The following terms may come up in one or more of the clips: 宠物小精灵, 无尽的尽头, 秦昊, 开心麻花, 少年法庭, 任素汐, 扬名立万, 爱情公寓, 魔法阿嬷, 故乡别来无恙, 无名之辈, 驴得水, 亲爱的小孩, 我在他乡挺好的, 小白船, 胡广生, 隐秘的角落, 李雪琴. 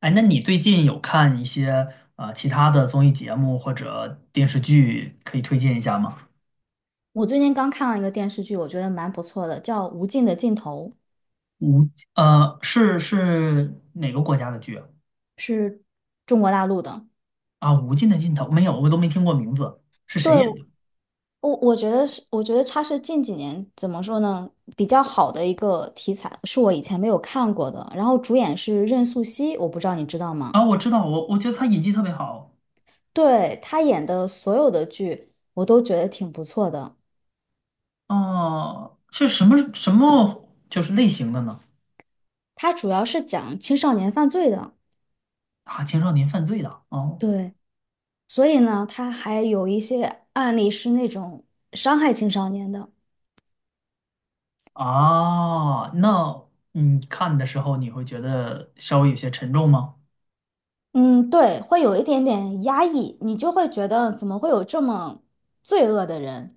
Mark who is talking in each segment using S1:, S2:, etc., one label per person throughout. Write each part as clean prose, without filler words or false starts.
S1: 哎，那你最近有看一些其他的综艺节目或者电视剧，可以推荐一下吗？
S2: 我最近刚看了一个电视剧，我觉得蛮不错的，叫《无尽的尽头》，
S1: 无，是哪个国家的剧啊？
S2: 是中国大陆的。
S1: 啊无尽的尽头》没有，我都没听过名字，是谁
S2: 对，
S1: 演的？
S2: 我觉得是，我觉得它是近几年怎么说呢，比较好的一个题材，是我以前没有看过的。然后主演是任素汐，我不知道你知道吗？
S1: 啊，我知道，我觉得他演技特别好。
S2: 对，她演的所有的剧，我都觉得挺不错的。
S1: 哦、是什么就是类型的呢？
S2: 它主要是讲青少年犯罪的，
S1: 啊，青少年犯罪的。哦，
S2: 对，所以呢，它还有一些案例是那种伤害青少年的。
S1: 啊，那你看的时候你会觉得稍微有些沉重吗？
S2: 嗯，对，会有一点点压抑，你就会觉得怎么会有这么罪恶的人？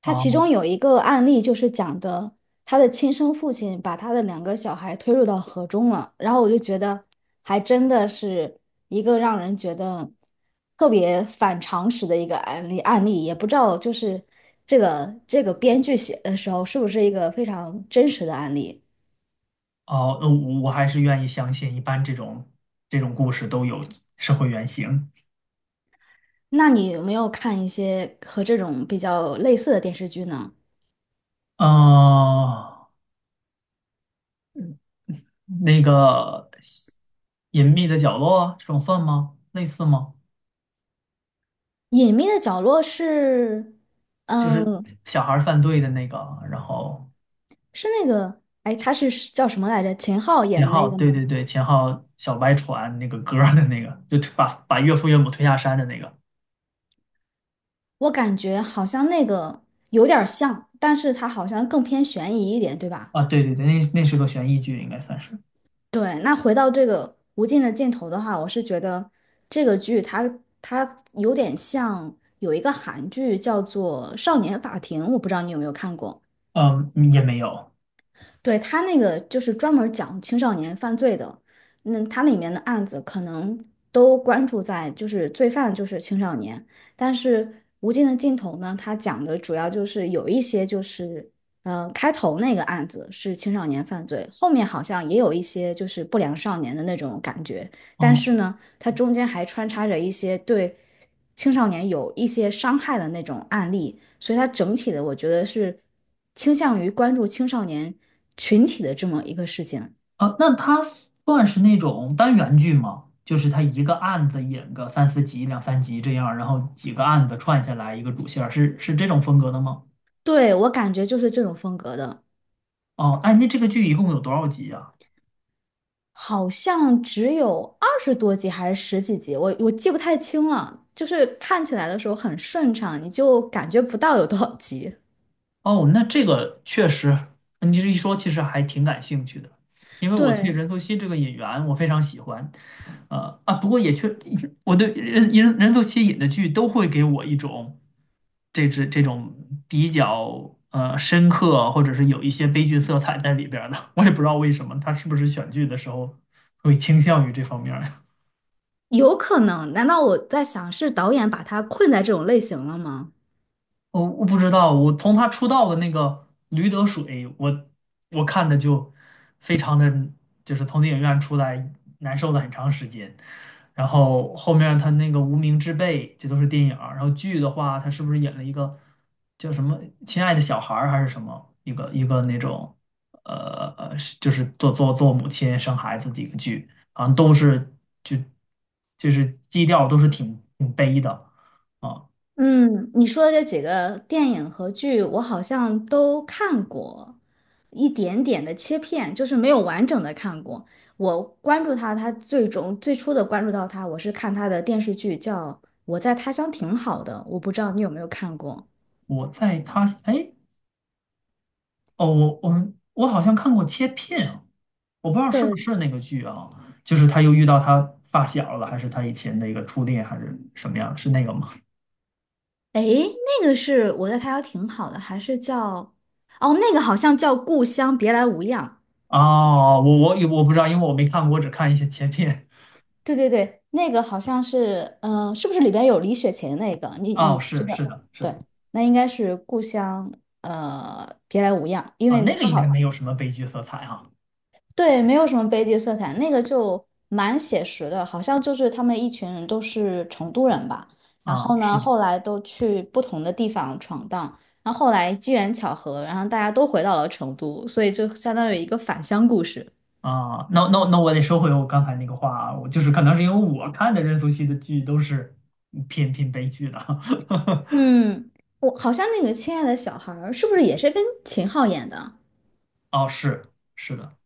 S2: 他其中
S1: 哦，
S2: 有一个案例就是讲的他的亲生父亲把他的两个小孩推入到河中了，然后我就觉得还真的是一个让人觉得特别反常识的一个案例，也不知道就是这个编剧写的时候是不是一个非常真实的案例？
S1: 哦，我我还是愿意相信，一般这种故事都有社会原型。
S2: 那你有没有看一些和这种比较类似的电视剧呢？
S1: 嗯，那个隐秘的角落这种算吗？类似吗？
S2: 隐秘的角落是，
S1: 就是
S2: 嗯，
S1: 小孩儿犯罪的那个，然后
S2: 是那个，哎，他是叫什么来着？秦昊演
S1: 秦
S2: 的那
S1: 昊，
S2: 个
S1: 对
S2: 吗？
S1: 对对，秦昊小白船那个歌儿的那个，就推把岳父岳母推下山的那个
S2: 我感觉好像那个有点儿像，但是他好像更偏悬疑一点，对吧？
S1: 啊，对对对，那那是个悬疑剧，应该算是，
S2: 对，那回到这个无尽的尽头的话，我是觉得这个剧它有点像有一个韩剧叫做《少年法庭》，我不知道你有没有看过。
S1: 嗯，也没有。
S2: 对，他那个就是专门儿讲青少年犯罪的，那他里面的案子可能都关注在就是罪犯就是青少年，但是《无尽的尽头》呢，他讲的主要就是有一些就是，嗯，开头那个案子是青少年犯罪，后面好像也有一些就是不良少年的那种感觉，但
S1: 哦
S2: 是呢，它中间还穿插着一些对。青少年有一些伤害的那种案例，所以它整体的我觉得是倾向于关注青少年群体的这么一个事情。
S1: 啊，那它算是那种单元剧吗？就是它一个案子演个三四集、两三集这样，然后几个案子串下来一个主线儿是这种风格的吗？
S2: 对，我感觉就是这种风格的，
S1: 哦，哎，那这个剧一共有多少集呀？
S2: 好像只有二十多集还是十几集，我记不太清了。就是看起来的时候很顺畅，你就感觉不到有多少集。
S1: 哦，那这个确实，你这一说，其实还挺感兴趣的，因为我对
S2: 对，
S1: 任素汐这个演员我非常喜欢，呃啊，不过也确，我对任素汐演的剧都会给我一种这种比较深刻，或者是有一些悲剧色彩在里边儿的，我也不知道为什么，他是不是选剧的时候会倾向于这方面儿。
S2: 有可能。难道我在想是导演把他困在这种类型了吗？
S1: 我不知道，我从他出道的那个《驴得水》，我看的就非常的，就是从电影院出来难受了很长时间。然后后面他那个《无名之辈》，这都是电影儿然后剧的话，他是不是演了一个叫什么《亲爱的小孩》儿还是什么一个那种是就是做母亲生孩子的一个剧，好像都是就就是基调都是挺悲的啊。
S2: 嗯，你说的这几个电影和剧，我好像都看过一点点的切片，就是没有完整的看过。我关注他，他最终最初的关注到他，我是看他的电视剧叫《我在他乡挺好的》，我不知道你有没有看过。
S1: 我在他哎。哦，我好像看过切片啊，我不知道是不
S2: 对，
S1: 是那个剧啊，就是他又遇到他发小了，还是他以前的一个初恋，还是什么样？是那个吗？
S2: 哎，那个是我在他乡挺好的，还是叫哦，那个好像叫《故乡别来无恙》。
S1: 哦，我不知道，因为我没看过，我只看一些切片。
S2: 对对对，那个好像是，是不是里边有李雪琴那个？你
S1: 哦，
S2: 你知
S1: 是是
S2: 道？
S1: 的，是
S2: 对，
S1: 的
S2: 那应该是故乡，呃，别来无恙，因
S1: 啊，
S2: 为
S1: 那个
S2: 他
S1: 应该
S2: 好，
S1: 没有什么悲剧色彩哈。
S2: 对，没有什么悲剧色彩，那个就蛮写实的，好像就是他们一群人都是成都人吧，然
S1: 啊，
S2: 后呢，
S1: 是的
S2: 后来都去不同的地方闯荡，然后后来机缘巧合，然后大家都回到了成都，所以就相当于一个返乡故事。
S1: 啊，那那那我得收回我刚才那个话啊，我就是可能是因为我看的任素汐的剧都是偏悲剧的。
S2: 嗯，我好像那个《亲爱的小孩》儿是不是也是跟秦昊演的？
S1: 哦，是是的。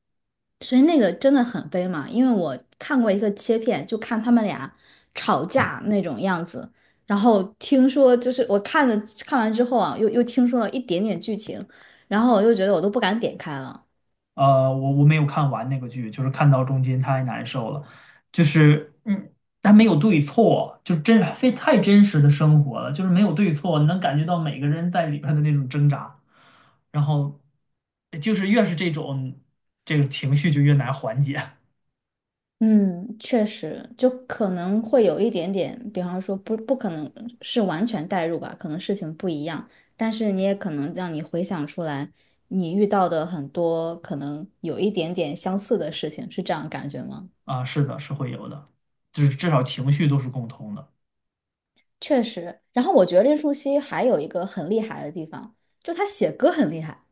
S2: 所以那个真的很悲嘛，因为我看过一个切片，就看他们俩吵架那种样子，然后听说就是我看了看完之后啊，又听说了一点点剧情，然后我就觉得我都不敢点开了。
S1: 我我没有看完那个剧，就是看到中间太难受了，就是它没有对错，就真非太真实的生活了，就是没有对错，你能感觉到每个人在里边的那种挣扎，然后就是越是这种这个情绪就越难缓解
S2: 嗯，确实，就可能会有一点点，比方说不可能是完全代入吧，可能事情不一样，但是你也可能让你回想出来你遇到的很多可能有一点点相似的事情，是这样感觉吗？
S1: 啊，是的，是会有的，就是至少情绪都是共通的
S2: 确实。然后我觉得任素汐还有一个很厉害的地方，就她写歌很厉害。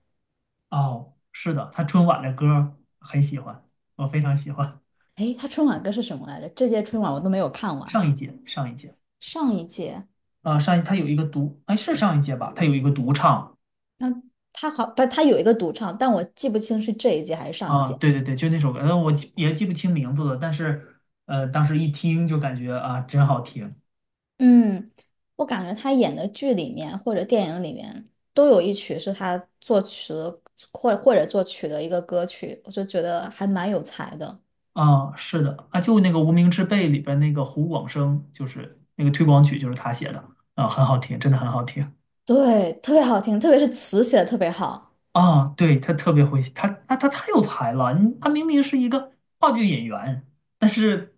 S1: 哦，是的，他春晚的歌儿很喜欢，我非常喜欢
S2: 诶，她春晚歌是什么来着？这届春晚我都没有看完，
S1: 上一届上一届。
S2: 上一届，
S1: 啊，上一他有一个独，哎，是上一届吧？他有一个独唱，
S2: 那她好，但她有一个独唱，但我记不清是这一届还是上一
S1: 啊，
S2: 届。
S1: 对对对，就那首歌，我记也记不清名字了，但是当时一听就感觉啊，真好听
S2: 嗯，我感觉她演的剧里面或者电影里面都有一曲是她作词或者作曲的一个歌曲，我就觉得还蛮有才的。
S1: 啊，是的啊，就那个《无名之辈》里边那个胡广生，就是那个推广曲，就是他写的啊，很好听，真的很好听
S2: 对，特别好听，特别是词写的特别好。
S1: 啊，对，他特别会，他太有才了，你他明明是一个话剧演员，但是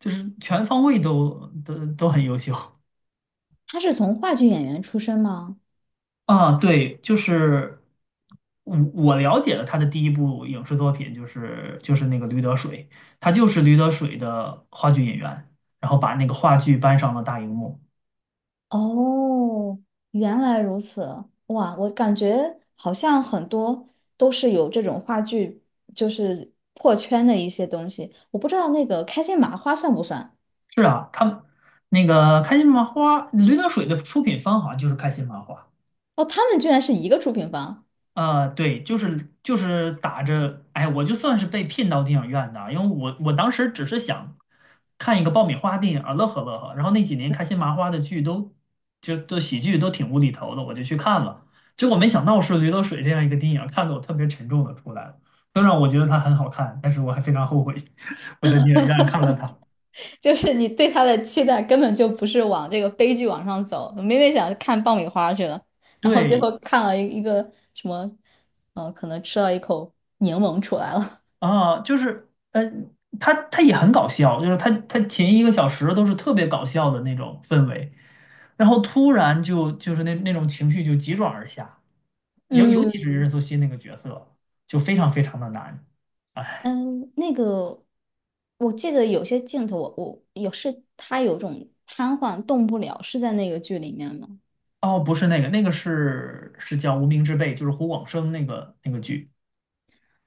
S1: 就是全方位都很优秀
S2: 她是从话剧演员出身吗？
S1: 啊，对，就是我了解了他的第一部影视作品，就是那个驴得水，他就是驴得水的话剧演员，然后把那个话剧搬上了大荧幕。
S2: 哦，原来如此，哇，我感觉好像很多都是有这种话剧，就是破圈的一些东西。我不知道那个开心麻花算不算？
S1: 是啊，他那个开心麻花，驴得水的出品方好像就是开心麻花。
S2: 哦，他们居然是一个出品方，
S1: 对，就是打着，哎，我就算是被骗到电影院的，因为我当时只是想看一个爆米花电影儿乐呵乐呵，然后那几年开心麻花的剧都都喜剧都挺无厘头的，我就去看了，结果没想到是《驴得水》这样一个电影儿看得我特别沉重的出来了。虽然我觉得它很好看，但是我还非常后悔 我在电影院看了它。
S2: 就是你对他的期待根本就不是往这个悲剧往上走，明明想看爆米花去了，然后最
S1: 对
S2: 后看了一个什么，可能吃了一口柠檬出来了。
S1: 啊，它它也很搞笑，就是它它前一个小时都是特别搞笑的那种氛围。然后突然就是那那种情绪就急转而下，尤尤
S2: 嗯。
S1: 其是任素汐那个角色就非常非常的难。哎，
S2: 嗯，那个，我记得有些镜头我，我有是他有种瘫痪动不了，是在那个剧里面吗？
S1: 哦，不是那个，那个是叫《无名之辈》，就是胡广生那个剧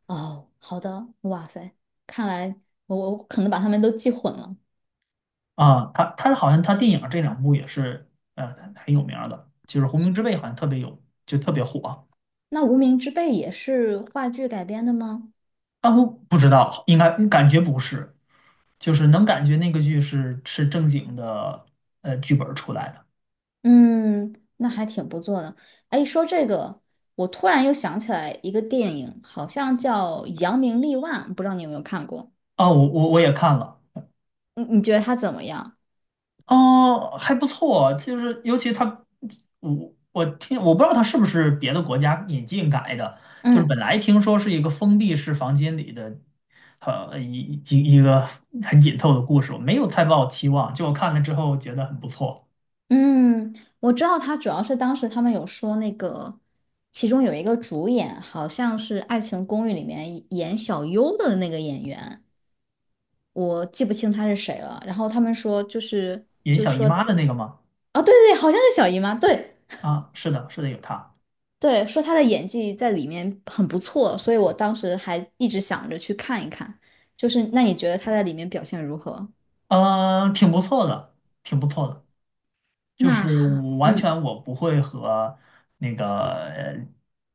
S2: 哦，好的，哇塞，看来我可能把他们都记混了。
S1: 啊。他他好像他电影这两部也是很有名儿的，就是《无名之辈》好像特别有就特别火。
S2: 那《无名之辈》也是话剧改编的吗？
S1: 啊，我不知道，应该感觉不是，就是能感觉那个剧是正经的剧本儿出来的。
S2: 嗯，那还挺不错的。哎，说这个，我突然又想起来一个电影，好像叫《扬名立万》，不知道你有没有看过？
S1: 啊。我也看了。
S2: 你觉得它怎么样？
S1: 哦，还不错，就是尤其他，我我不知道他是不是别的国家引进改的，就是本
S2: 嗯。
S1: 来听说是一个封闭式房间里的，呃，一个很紧凑的故事，我没有太抱期望，就我看了之后觉得很不错。
S2: 嗯，我知道他主要是当时他们有说那个，其中有一个主演好像是《爱情公寓》里面演小优的那个演员，我记不清他是谁了。然后他们说就是，
S1: 演小姨妈的那个吗？
S2: 啊，对对对，好像是小姨妈，对
S1: 啊，是的，是的，有他，
S2: 对，说她的演技在里面很不错，所以我当时还一直想着去看一看。就是那你觉得她在里面表现如何？
S1: 嗯、挺不错的，挺不错的，就是
S2: 那还，
S1: 我完
S2: 嗯，
S1: 全我不会和那个呃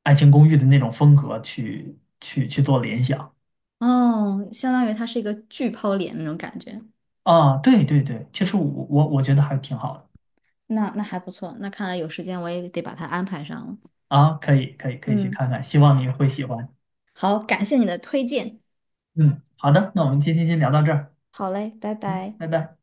S1: 爱情公寓》的那种风格去做联想。
S2: 哦，相当于她是一个巨抛脸那种感觉。
S1: 啊，对对对，其实我我觉得还挺好的
S2: 那那还不错，那看来有时间我也得把它安排上了。
S1: 啊，可以可以去
S2: 嗯，
S1: 看看，希望你会喜欢。
S2: 好，感谢你的推荐。
S1: 嗯，好的，那我们今天先聊到这儿，
S2: 好嘞，拜
S1: 嗯，
S2: 拜。
S1: 拜拜。